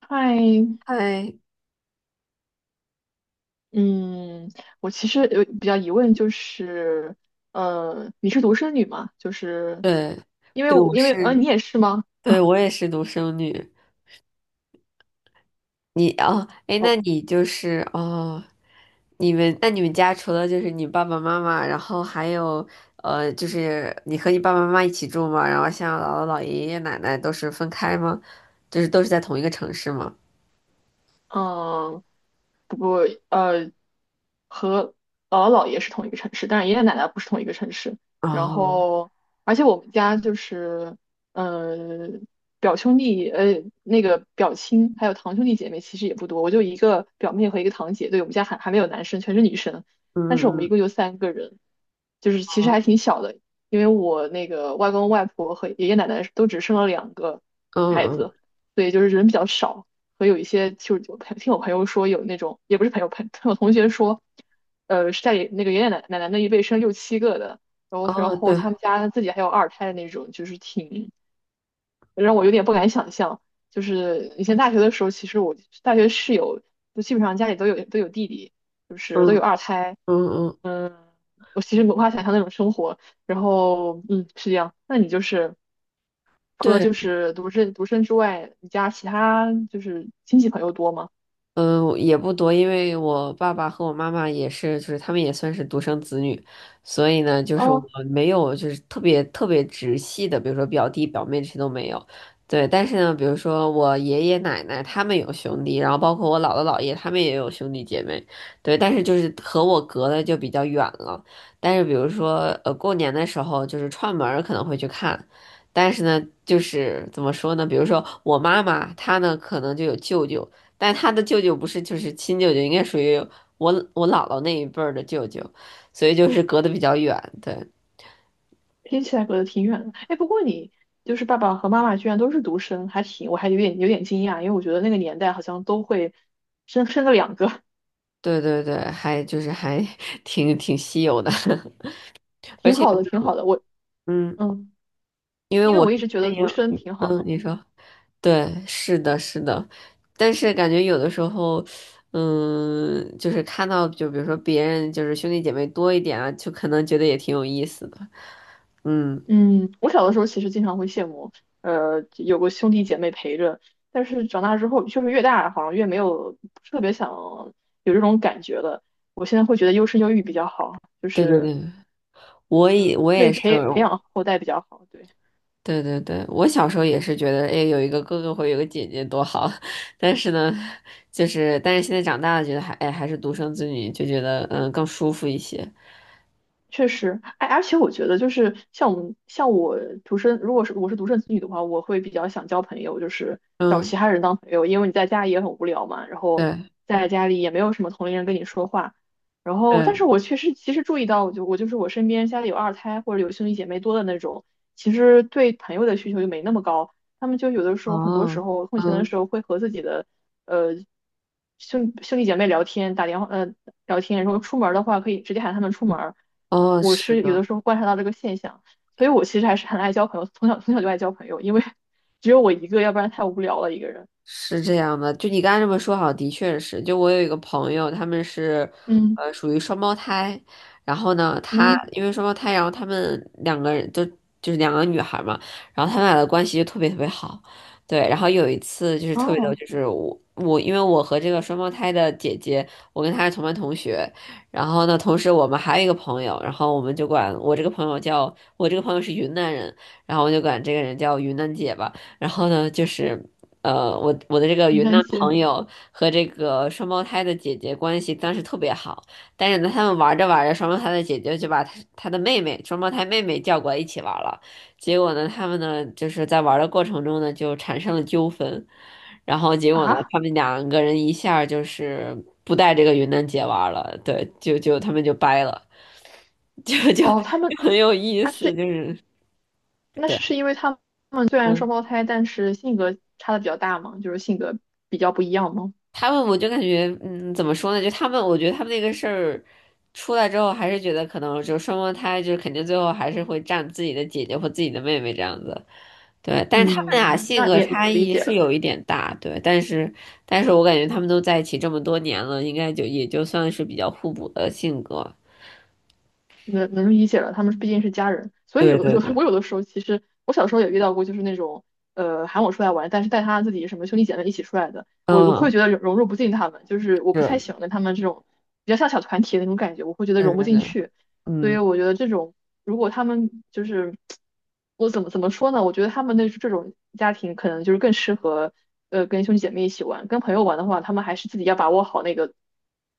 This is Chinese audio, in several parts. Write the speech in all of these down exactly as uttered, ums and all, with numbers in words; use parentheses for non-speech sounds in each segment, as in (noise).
嗨，嗨，嗯，我其实有比较疑问，就是，呃，你是独生女吗？就是，对，因为对，我我因为呃，是，你也是吗？对，我也是独生女。你哦，哎，那哦你就是哦，你们那你们家除了就是你爸爸妈妈，然后还有呃，就是你和你爸爸妈妈一起住吗？然后像姥姥、姥爷、爷爷奶奶都是分开吗？就是都是在同一个城市吗？嗯，不过呃，和姥姥姥爷是同一个城市，但是爷爷奶奶不是同一个城市。然哦，后，而且我们家就是，呃，表兄弟，呃，那个表亲，还有堂兄弟姐妹其实也不多，我就一个表妹和一个堂姐。对，我们家还还没有男生，全是女生。嗯但是我们一嗯共就三个人，就是其实还嗯挺小的，因为我那个外公外婆和爷爷奶奶都只生了两个孩嗯子，所以就是人比较少。和有一些就是我朋听我朋友说有那种也不是朋友朋听我同学说，呃是在那个爷爷奶奶奶那一辈生六七个的，然后嗯，然哦，后他对，们家自己还有二胎的那种，就是挺让我有点不敢想象。就是以前大学的时候，其实我大学室友就基本上家里都有都有弟弟，就是都有嗯二胎，嗯嗯，嗯。我其实无法想象那种生活。然后，嗯，是这样。那你就是除了对。就是独生独生之外，你家其他就是亲戚朋友多吗？嗯，也不多，因为我爸爸和我妈妈也是，就是他们也算是独生子女，所以呢，就是我哦，没有就是特别特别直系的，比如说表弟表妹这些都没有。对，但是呢，比如说我爷爷奶奶他们有兄弟，然后包括我姥姥姥爷他们也有兄弟姐妹，对，但是就是和我隔的就比较远了。但是比如说呃过年的时候，就是串门儿可能会去看。但是呢，就是怎么说呢？比如说我妈妈，她呢可能就有舅舅，但他的舅舅不是就是亲舅舅，应该属于我我姥姥那一辈儿的舅舅，所以就是隔得比较远。对听起来隔得挺远的。哎，不过你就是爸爸和妈妈居然都是独生，还挺，我还有点有点惊讶，因为我觉得那个年代好像都会生生个两个，(laughs) 对对对，还就是还 (laughs) 挺挺稀有的，(laughs) 而挺且就好的，是挺好我的。我嗯，嗯，因为因为我我是一直觉欢得迎，独生挺好嗯，的。你说对，是的，是的，但是感觉有的时候。嗯，就是看到，就比如说别人就是兄弟姐妹多一点啊，就可能觉得也挺有意思的。嗯，嗯，我小的时候其实经常会羡慕，呃，有个兄弟姐妹陪着。但是长大之后，就是越大好像越没有特别想有这种感觉了。我现在会觉得优生优育比较好，就对对是对，我也我嗯，对也是，培培养后代比较好。对。对对对，我小时候也是觉得，哎，有一个哥哥或有个姐姐多好，(laughs) 但是呢，就是但是现在长大了，觉得还哎还是独生子女，就觉得嗯更舒服一些。确实，哎，而且我觉得就是像我们像我独生，如果是我是独生子女的话，我会比较想交朋友，就是找嗯，其他人当朋友，因为你在家里也很无聊嘛，然后对在家里也没有什么同龄人跟你说话，然后但对，是我确实其实注意到，我就我就是我身边家里有二胎或者有兄弟姐妹多的那种，其实对朋友的需求就没那么高，他们就有的时候很多时哦，候空闲的时嗯候会和自己的呃兄兄弟姐妹聊天，打电话呃聊天，然后出门儿的话可以直接喊他们出门儿。哦，我是是有的的。时候观察到这个现象，所以我其实还是很爱交朋友，从小从小就爱交朋友，因为 (laughs) 只有我一个，要不然太无聊了一个人。是这样的，就你刚才这么说，好，的确是。就我有一个朋友，他们是，嗯呃，属于双胞胎。然后呢，他嗯，因为双胞胎，然后他们两个人都就是两个女孩嘛，然后他们俩的关系就特别特别好。对，然后有一次就是特别逗，哦，就是我我因为我和这个双胞胎的姐姐，我跟她是同班同学。然后呢，同时我们还有一个朋友，然后我们就管我这个朋友叫我这个朋友是云南人，然后我就管这个人叫云南姐吧。然后呢，就是。呃，我我的这个没云南关朋系。友和这个双胞胎的姐姐关系当时特别好，但是呢，他们玩着玩着，双胞胎的姐姐就把她她的妹妹，双胞胎妹妹叫过来一起玩了。结果呢，他们呢就是在玩的过程中呢就产生了纠纷，然后结果呢，啊，他们两个人一下儿就是不带这个云南姐玩了，对，就就他们就掰了，(laughs) 就就哦，他们就那很有意他思，是就是那对。是是因为他们虽然嗯双胞胎，但是性格差的比较大嘛，就是性格比较不一样嘛。他们我就感觉，嗯，怎么说呢？就他们，我觉得他们那个事儿出来之后，还是觉得可能就双胞胎，就是肯定最后还是会占自己的姐姐或自己的妹妹这样子。对，但是他们俩嗯，性那格也差能理异解是了。有一点大，对，但是但是我感觉他们都在一起这么多年了，应该就也就算是比较互补的性格。能能理解了，他们毕竟是家人，所以对有的对有的 对，(laughs) 我有的时候其实我小时候也遇到过，就是那种呃喊我出来玩，但是带他自己什么兄弟姐妹一起出来的，我我会嗯，觉得融融入不进他们，就是我不是，太喜欢跟他们这种比较像小团体的那种感觉，我会觉得对融不对进对，去。所以嗯，我觉得这种，如果他们就是，我怎么怎么说呢？我觉得他们那这种家庭可能就是更适合，呃，跟兄弟姐妹一起玩。跟朋友玩的话，他们还是自己要把握好那个，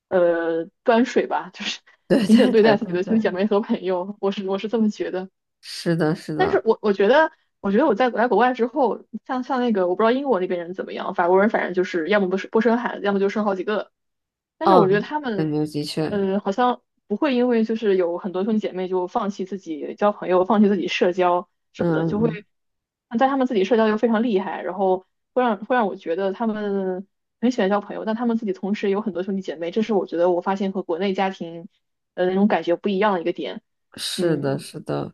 呃，端水吧，就是 对 (laughs) 平等对对对待自己对的兄弟姐对，妹和朋友。我是我是这么觉得。是的，是但是的，我我觉得，我觉得我在来国外之后，像像那个，我不知道英国那边人怎么样，法国人反正就是要么不是不生孩子，要么就生好几个。但是嗯，我觉得他感们，觉的确，呃，好像不会因为就是有很多兄弟姐妹就放弃自己交朋友，放弃自己社交嗯什么的，就嗯，会在他们自己社交又非常厉害，然后会让会让我觉得他们很喜欢交朋友，但他们自己同时也有很多兄弟姐妹，这是我觉得我发现和国内家庭，呃，那种感觉不一样的一个点。是的，嗯，是的。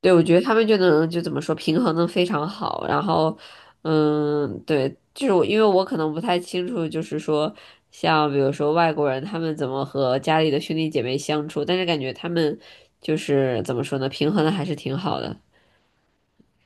对，我觉得他们就能就怎么说平衡的非常好，然后，嗯，对，就是我因为我可能不太清楚，就是说像比如说外国人他们怎么和家里的兄弟姐妹相处，但是感觉他们就是怎么说呢，平衡的还是挺好的。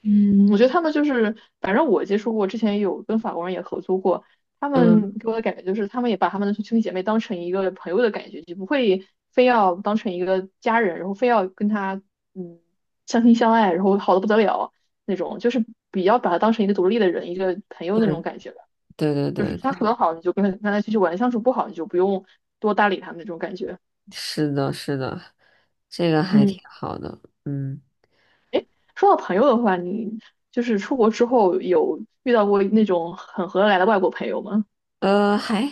嗯，我觉得他们就是，反正我接触过，之前有跟法国人也合租过，他嗯，们给我的感觉就是，他们也把他们的兄弟姐妹当成一个朋友的感觉，就不会非要当成一个家人，然后非要跟他嗯相亲相爱，然后好的不得了那种，就是比较把他当成一个独立的人，一个朋友那对，种感觉吧。对就是对对，相处得好，你就跟他跟他继续玩；相处不好，你就不用多搭理他们那种感觉。是的，是的，这个还挺嗯。好的，嗯。哎，说到朋友的话，你就是出国之后有遇到过那种很合得来的外国朋友吗？呃，还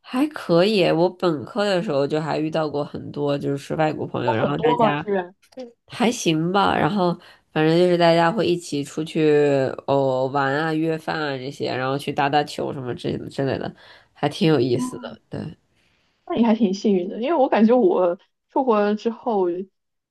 还可以。我本科的时候就还遇到过很多就是外国朋有友，然很后大多吗？家居然？还行吧，然后反正就是大家会一起出去哦玩啊、约饭啊这些，然后去打打球什么之之类的，还挺有意思嗯，的。对，那你还挺幸运的，因为我感觉我出国之后，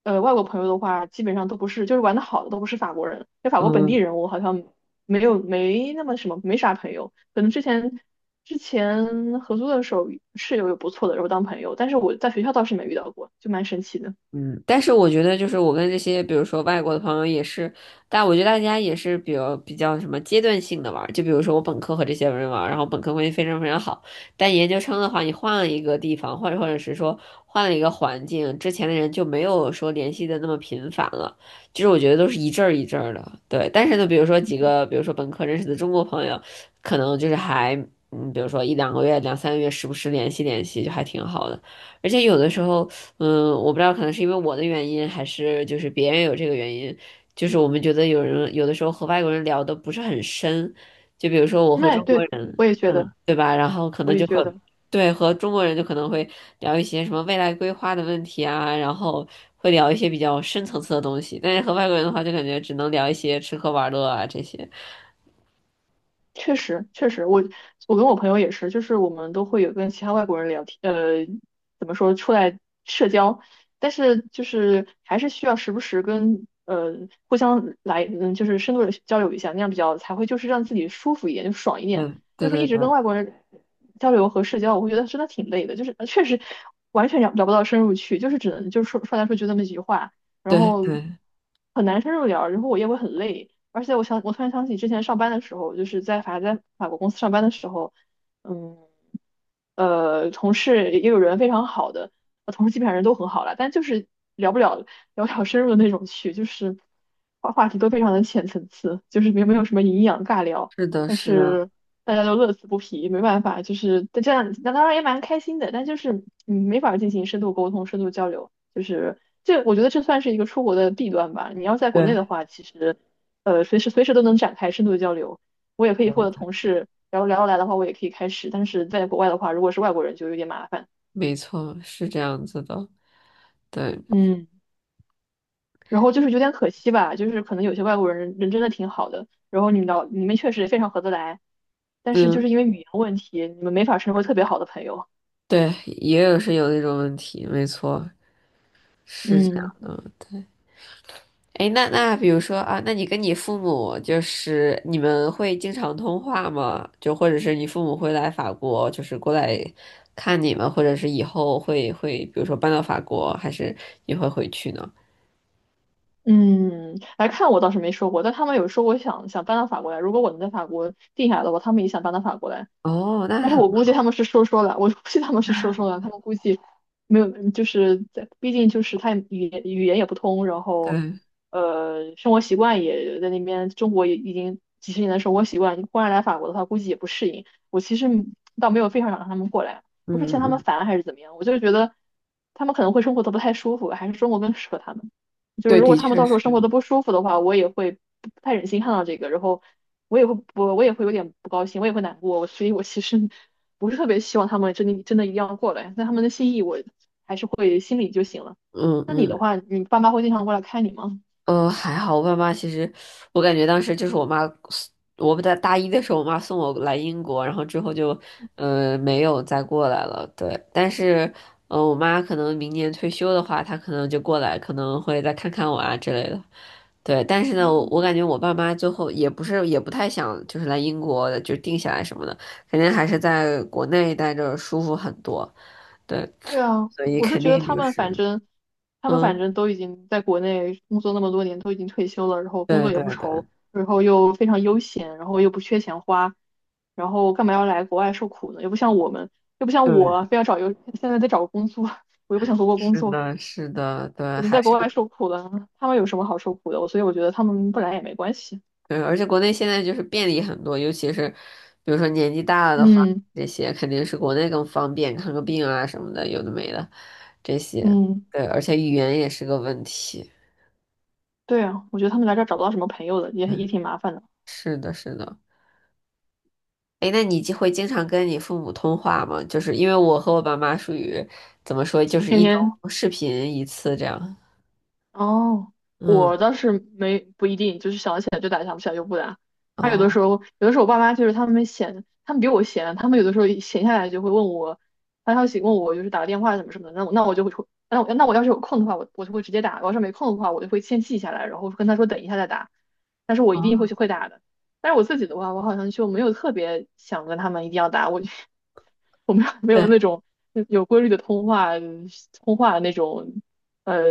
呃，外国朋友的话，基本上都不是，就是玩的好的都不是法国人，因为法国本地嗯，人我好像没有没那么什么，没啥朋友。可能之前之前合租的时候，室友有不错的，然后当朋友，但是我在学校倒是没遇到过，就蛮神奇的。嗯，但是我觉得就是我跟这些，比如说外国的朋友也是，但我觉得大家也是比较比较什么阶段性的玩儿，就比如说我本科和这些人玩儿，然后本科关系非常非常好，但研究生的话，你换了一个地方，或者或者是说换了一个环境，之前的人就没有说联系的那么频繁了，就是我觉得都是一阵儿一阵儿的，对。但是呢，比如说几个，比如说本科认识的中国朋友，可能就是还，嗯，比如说一两个月、两三个月，时不时联系联系，就还挺好的。而且有的时候，嗯，我不知道，可能是因为我的原因，还是就是别人有这个原因，就是我们觉得有人有的时候和外国人聊的不是很深，就比如说我和那中国对，人，我也觉嗯，得，对吧？然后可我能也就会觉得。对和中国人就可能会聊一些什么未来规划的问题啊，然后会聊一些比较深层次的东西，但是和外国人的话，就感觉只能聊一些吃喝玩乐啊这些。确实，确实，我我跟我朋友也是，就是我们都会有跟其他外国人聊天，呃，怎么说，出来社交，但是就是还是需要时不时跟呃互相来，嗯，就是深度的交流一下，那样比较才会就是让自己舒服一点，就爽一点。嗯，要对说对一直对跟外国人交流和社交，我会觉得真的挺累的，就是呃确实完全聊聊不到深入去，就是只能就是说说来说去就那么几句话，然对后对，很难深入聊，然后我也会很累。而且我想，我突然想起之前上班的时候，就是在法在法国公司上班的时候，嗯，呃，同事也有人非常好的，呃同事基本上人都很好了，但就是聊不了聊不了深入的那种去，就是话话题都非常的浅层次，就是没没有什么营养尬聊，是的，但是的，是大家都乐此不疲，没办法，就是但这样，那当然也蛮开心的，但就是嗯，没法进行深度沟通、深度交流，就是这我觉得这算是一个出国的弊端吧。你要在国内对，的话，其实。呃，随时随时都能展开深度的交流。我也可以和我的同事，然后聊得来的话，我也可以开始。但是在国外的话，如果是外国人就有点麻烦。没错，是这样子的，对。嗯，然后就是有点可惜吧，就是可能有些外国人人真的挺好的，然后你们聊你们确实也非常合得来，但是就是因嗯。为语言问题，你们没法成为特别好的朋友。对，也有是有那种问题，没错，是这嗯，样的。对，哎，那那比如说啊，那你跟你父母就是你们会经常通话吗？就或者是你父母会来法国，就是过来看你们，或者是以后会会，比如说搬到法国，还是你会回去呢？嗯，来看我倒是没说过，但他们有说我想想搬到法国来，如果我能在法国定下来的话，他们也想搬到法国来。哦，那但是很我估计好，他们是说说的，我估计他们是说说的，他们估计没有，就是在，毕竟就是他语言语言也不通，然后对，呃，生活习惯也在那边，中国也已经几十年的生活习惯，忽然来法国的话，估计也不适应。我其实倒没有非常想让他们过来，不是嗯嫌他们嗯，烦还是怎么样，我就是觉得他们可能会生活的不太舒服，还是中国更适合他们。就是对，如果的他们确到时是，候生活的不舒服的话，我也会不不太忍心看到这个，然后我也会我我也会有点不高兴，我也会难过，我所以我其实不是特别希望他们真的真的一定要过来，但他们的心意我就会心里就行了。嗯那你的嗯话，你爸妈会经常过来看你吗？呃，还好，我爸妈其实，我感觉当时就是我妈我不在大一的时候，我妈送我来英国，然后之后就，呃，没有再过来了。对，但是，呃，我妈可能明年退休的话，她可能就过来，可能会再看看我啊之类的。对，但是呢，我嗯，我感觉我爸妈最后也不是也不太想就是来英国就定下来什么的，肯定还是在国内待着舒服很多。对，对啊，所以我是肯觉得定他就们反是，正，他们反嗯，正都已经在国内工作那么多年，都已经退休了，然后工对作也对不愁，对然后又非常悠闲，然后又不缺钱花，然后干嘛要来国外受苦呢？又不像我们，又不像我对。啊非要找一个现在在找个工作，(laughs) 我又不想回国工是作，的，是的，对，嗯还在是国外受苦了，他们有什么好受苦的？我所以我觉得他们不来也没关系。对，而且国内现在就是便利很多，尤其是比如说年纪大了的话，嗯。这些肯定是国内更方便，看个病啊什么的，有的没的，这些，嗯，对，而且语言也是个问题。对啊，我觉得他们来这儿找不到什么朋友的，也也嗯，挺麻烦的，是的，是的。哎，那你就会经常跟你父母通话吗？就是因为我和我爸妈属于怎么说，就是天一周天。视频一次这样。哦，嗯，我倒是没不一定，就是想起来就打，想不起来就不打。他有的哦，时候，有的时候我爸妈就是他们闲，他们比我闲，他们有的时候一闲下来就会问我发消息，问我就是打个电话什么什么的。那我那我就会说，那我那我要是有空的话，我我就会直接打；我要是没空的话，我就会先记下来，然后跟他说等一下再打。但是我一定会哦，去会打的。但是我自己的话，我好像就没有特别想跟他们一定要打，我就 (laughs) 我没有没有对，那种有规律的通话通话那种呃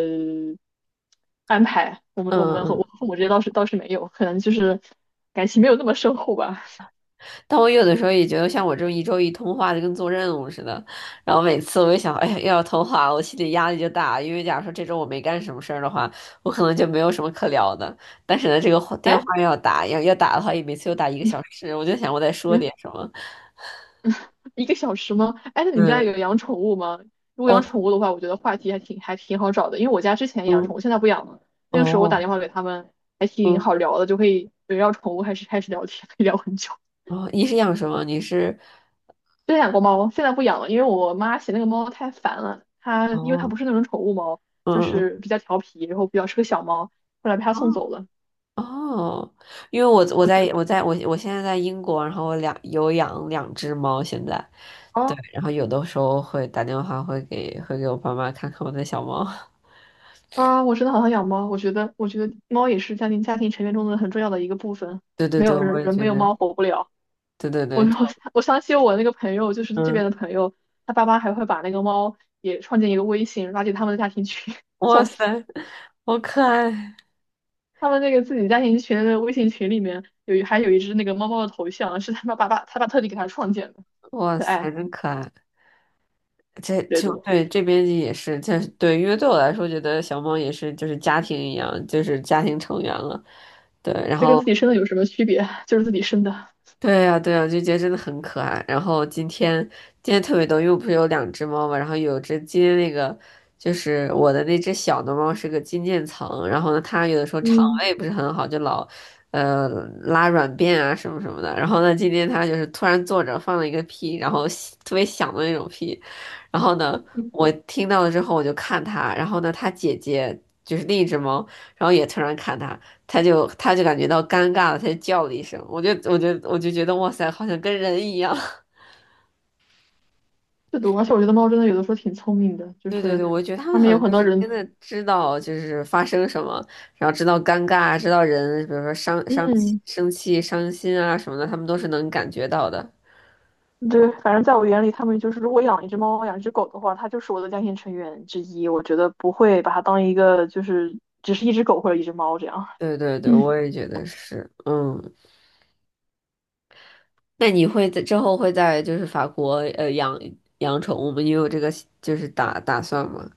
安排。我们嗯我们和我嗯。和父母这些倒是倒是没有，可能就是感情没有那么深厚吧。但我有的时候也觉得，像我这种一周一通话，就跟做任务似的。然后每次我一想，哎呀，又要通话，我心里压力就大。因为假如说这周我没干什么事儿的话，我可能就没有什么可聊的。但是呢，这个话电话哎，又要打，要要打的话，也每次又打一个你小时。我就想，我得说你点什么。一个小时吗？哎，那你们家有嗯，养宠物吗？如果养哦，宠物的话，我觉得话题还挺还挺好找的，因为我家之前养宠嗯，物，现在不养了。那个时候我打哦，电话给他们，还挺嗯，好聊的，就可以围绕宠物开始开始聊天，可以聊很久。哦，你是养什么？你是，之前养过猫，现在不养了，因为我妈嫌那个猫太烦了。它因为它哦，不是那种宠物猫，嗯就嗯是比较调皮，然后比较是个小猫，后来被她送走了。哦，哦，因为我我在我我在我我现在在英国，然后我两有养两只猫，现在。对，哦然后有的时候会打电话，会给会给我爸妈看看我的小猫。(laughs) 啊，我真的好想养猫。我觉得，我觉得猫也是家庭家庭成员中的很重要的一个部分。对对没对，有我人，也人觉没有得，猫活不了。对对我对，就我我相信我那个朋友，就是这边嗯，的朋友，他爸妈还会把那个猫也创建一个微信，拉进他们的家庭群。(laughs) 哇笑塞，死！好可爱，他们那个自己家庭群的微信群里面有一还有一只那个猫猫的头像，是他爸爸爸他爸特地给他创建的，哇可塞，爱真可爱。这阅就读。对这边也是，这对，因为对我来说，觉得小猫也是就是家庭一样，就是家庭成员了。对，然这跟后自己生的有什么区别？(laughs) 就是自己生的。对呀，对呀，就觉得真的很可爱。然后今天今天特别逗，因为我不是有两只猫嘛，然后有只今天那个就是我的那只小的猫是个金渐层，然后呢，它有的时候肠嗯，胃不是很好，就老呃拉软便啊什么什么的。然后呢，今天它就是突然坐着放了一个屁，然后吸特别响的那种屁，然后呢，嗯，我听到了之后我就看它，然后呢，它姐姐就是另一只猫，然后也突然看它。他就他就感觉到尴尬了，他就叫了一声，我就我就我就觉得哇塞，好像跟人一样。(laughs) 是的，而且我觉得猫真的有的时候挺聪明的，就对对对，是我觉得他他们们好有像很就多是真人。的知道就是发生什么，然后知道尴尬，知道人，比如说伤伤嗯，生气、伤心啊什么的，他们都是能感觉到的。对，反正在我眼里，他们就是如果养一只猫、养一只狗的话，它就是我的家庭成员之一。我觉得不会把它当一个就是只是一只狗或者一只猫这样。对对对，嗯，我也觉得是。嗯，那你会在之后会在就是法国呃养养宠物吗？你有这个就是打打算吗？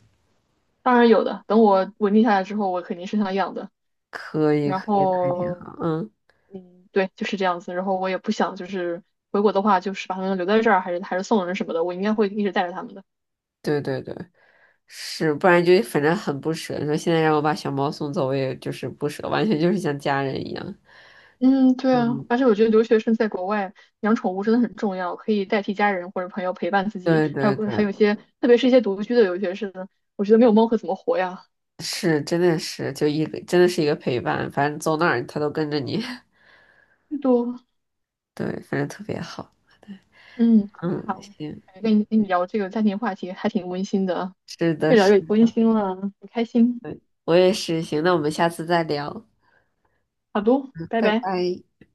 当然有的，等我稳定下来之后，我肯定是想养的。可以然可以，那还挺后，好。嗯，嗯，对，就是这样子。然后我也不想就是回国的话，就是把它们留在这儿，还是还是送人什么的，我应该会一直带着它们的。对对对。是，不然就反正很不舍。你说现在让我把小猫送走，我也就是不舍，完全就是像家人一样。嗯，对啊，嗯，而且我觉得留学生在国外养宠物真的很重要，可以代替家人或者朋友陪伴自己，对还有对对，还有一些，特别是一些独居的留学生，我觉得没有猫可怎么活呀？是，真的是，就一个真的是一个陪伴，反正走哪儿它都跟着你。(laughs) 最多，对，反正特别好。对，嗯，特别嗯，好，行，哎跟你跟你聊这个家庭话题还挺温馨的啊，是的，越聊是，越温馨了，很开心。我也是。行，那我们下次再聊，好的，拜拜拜。拜。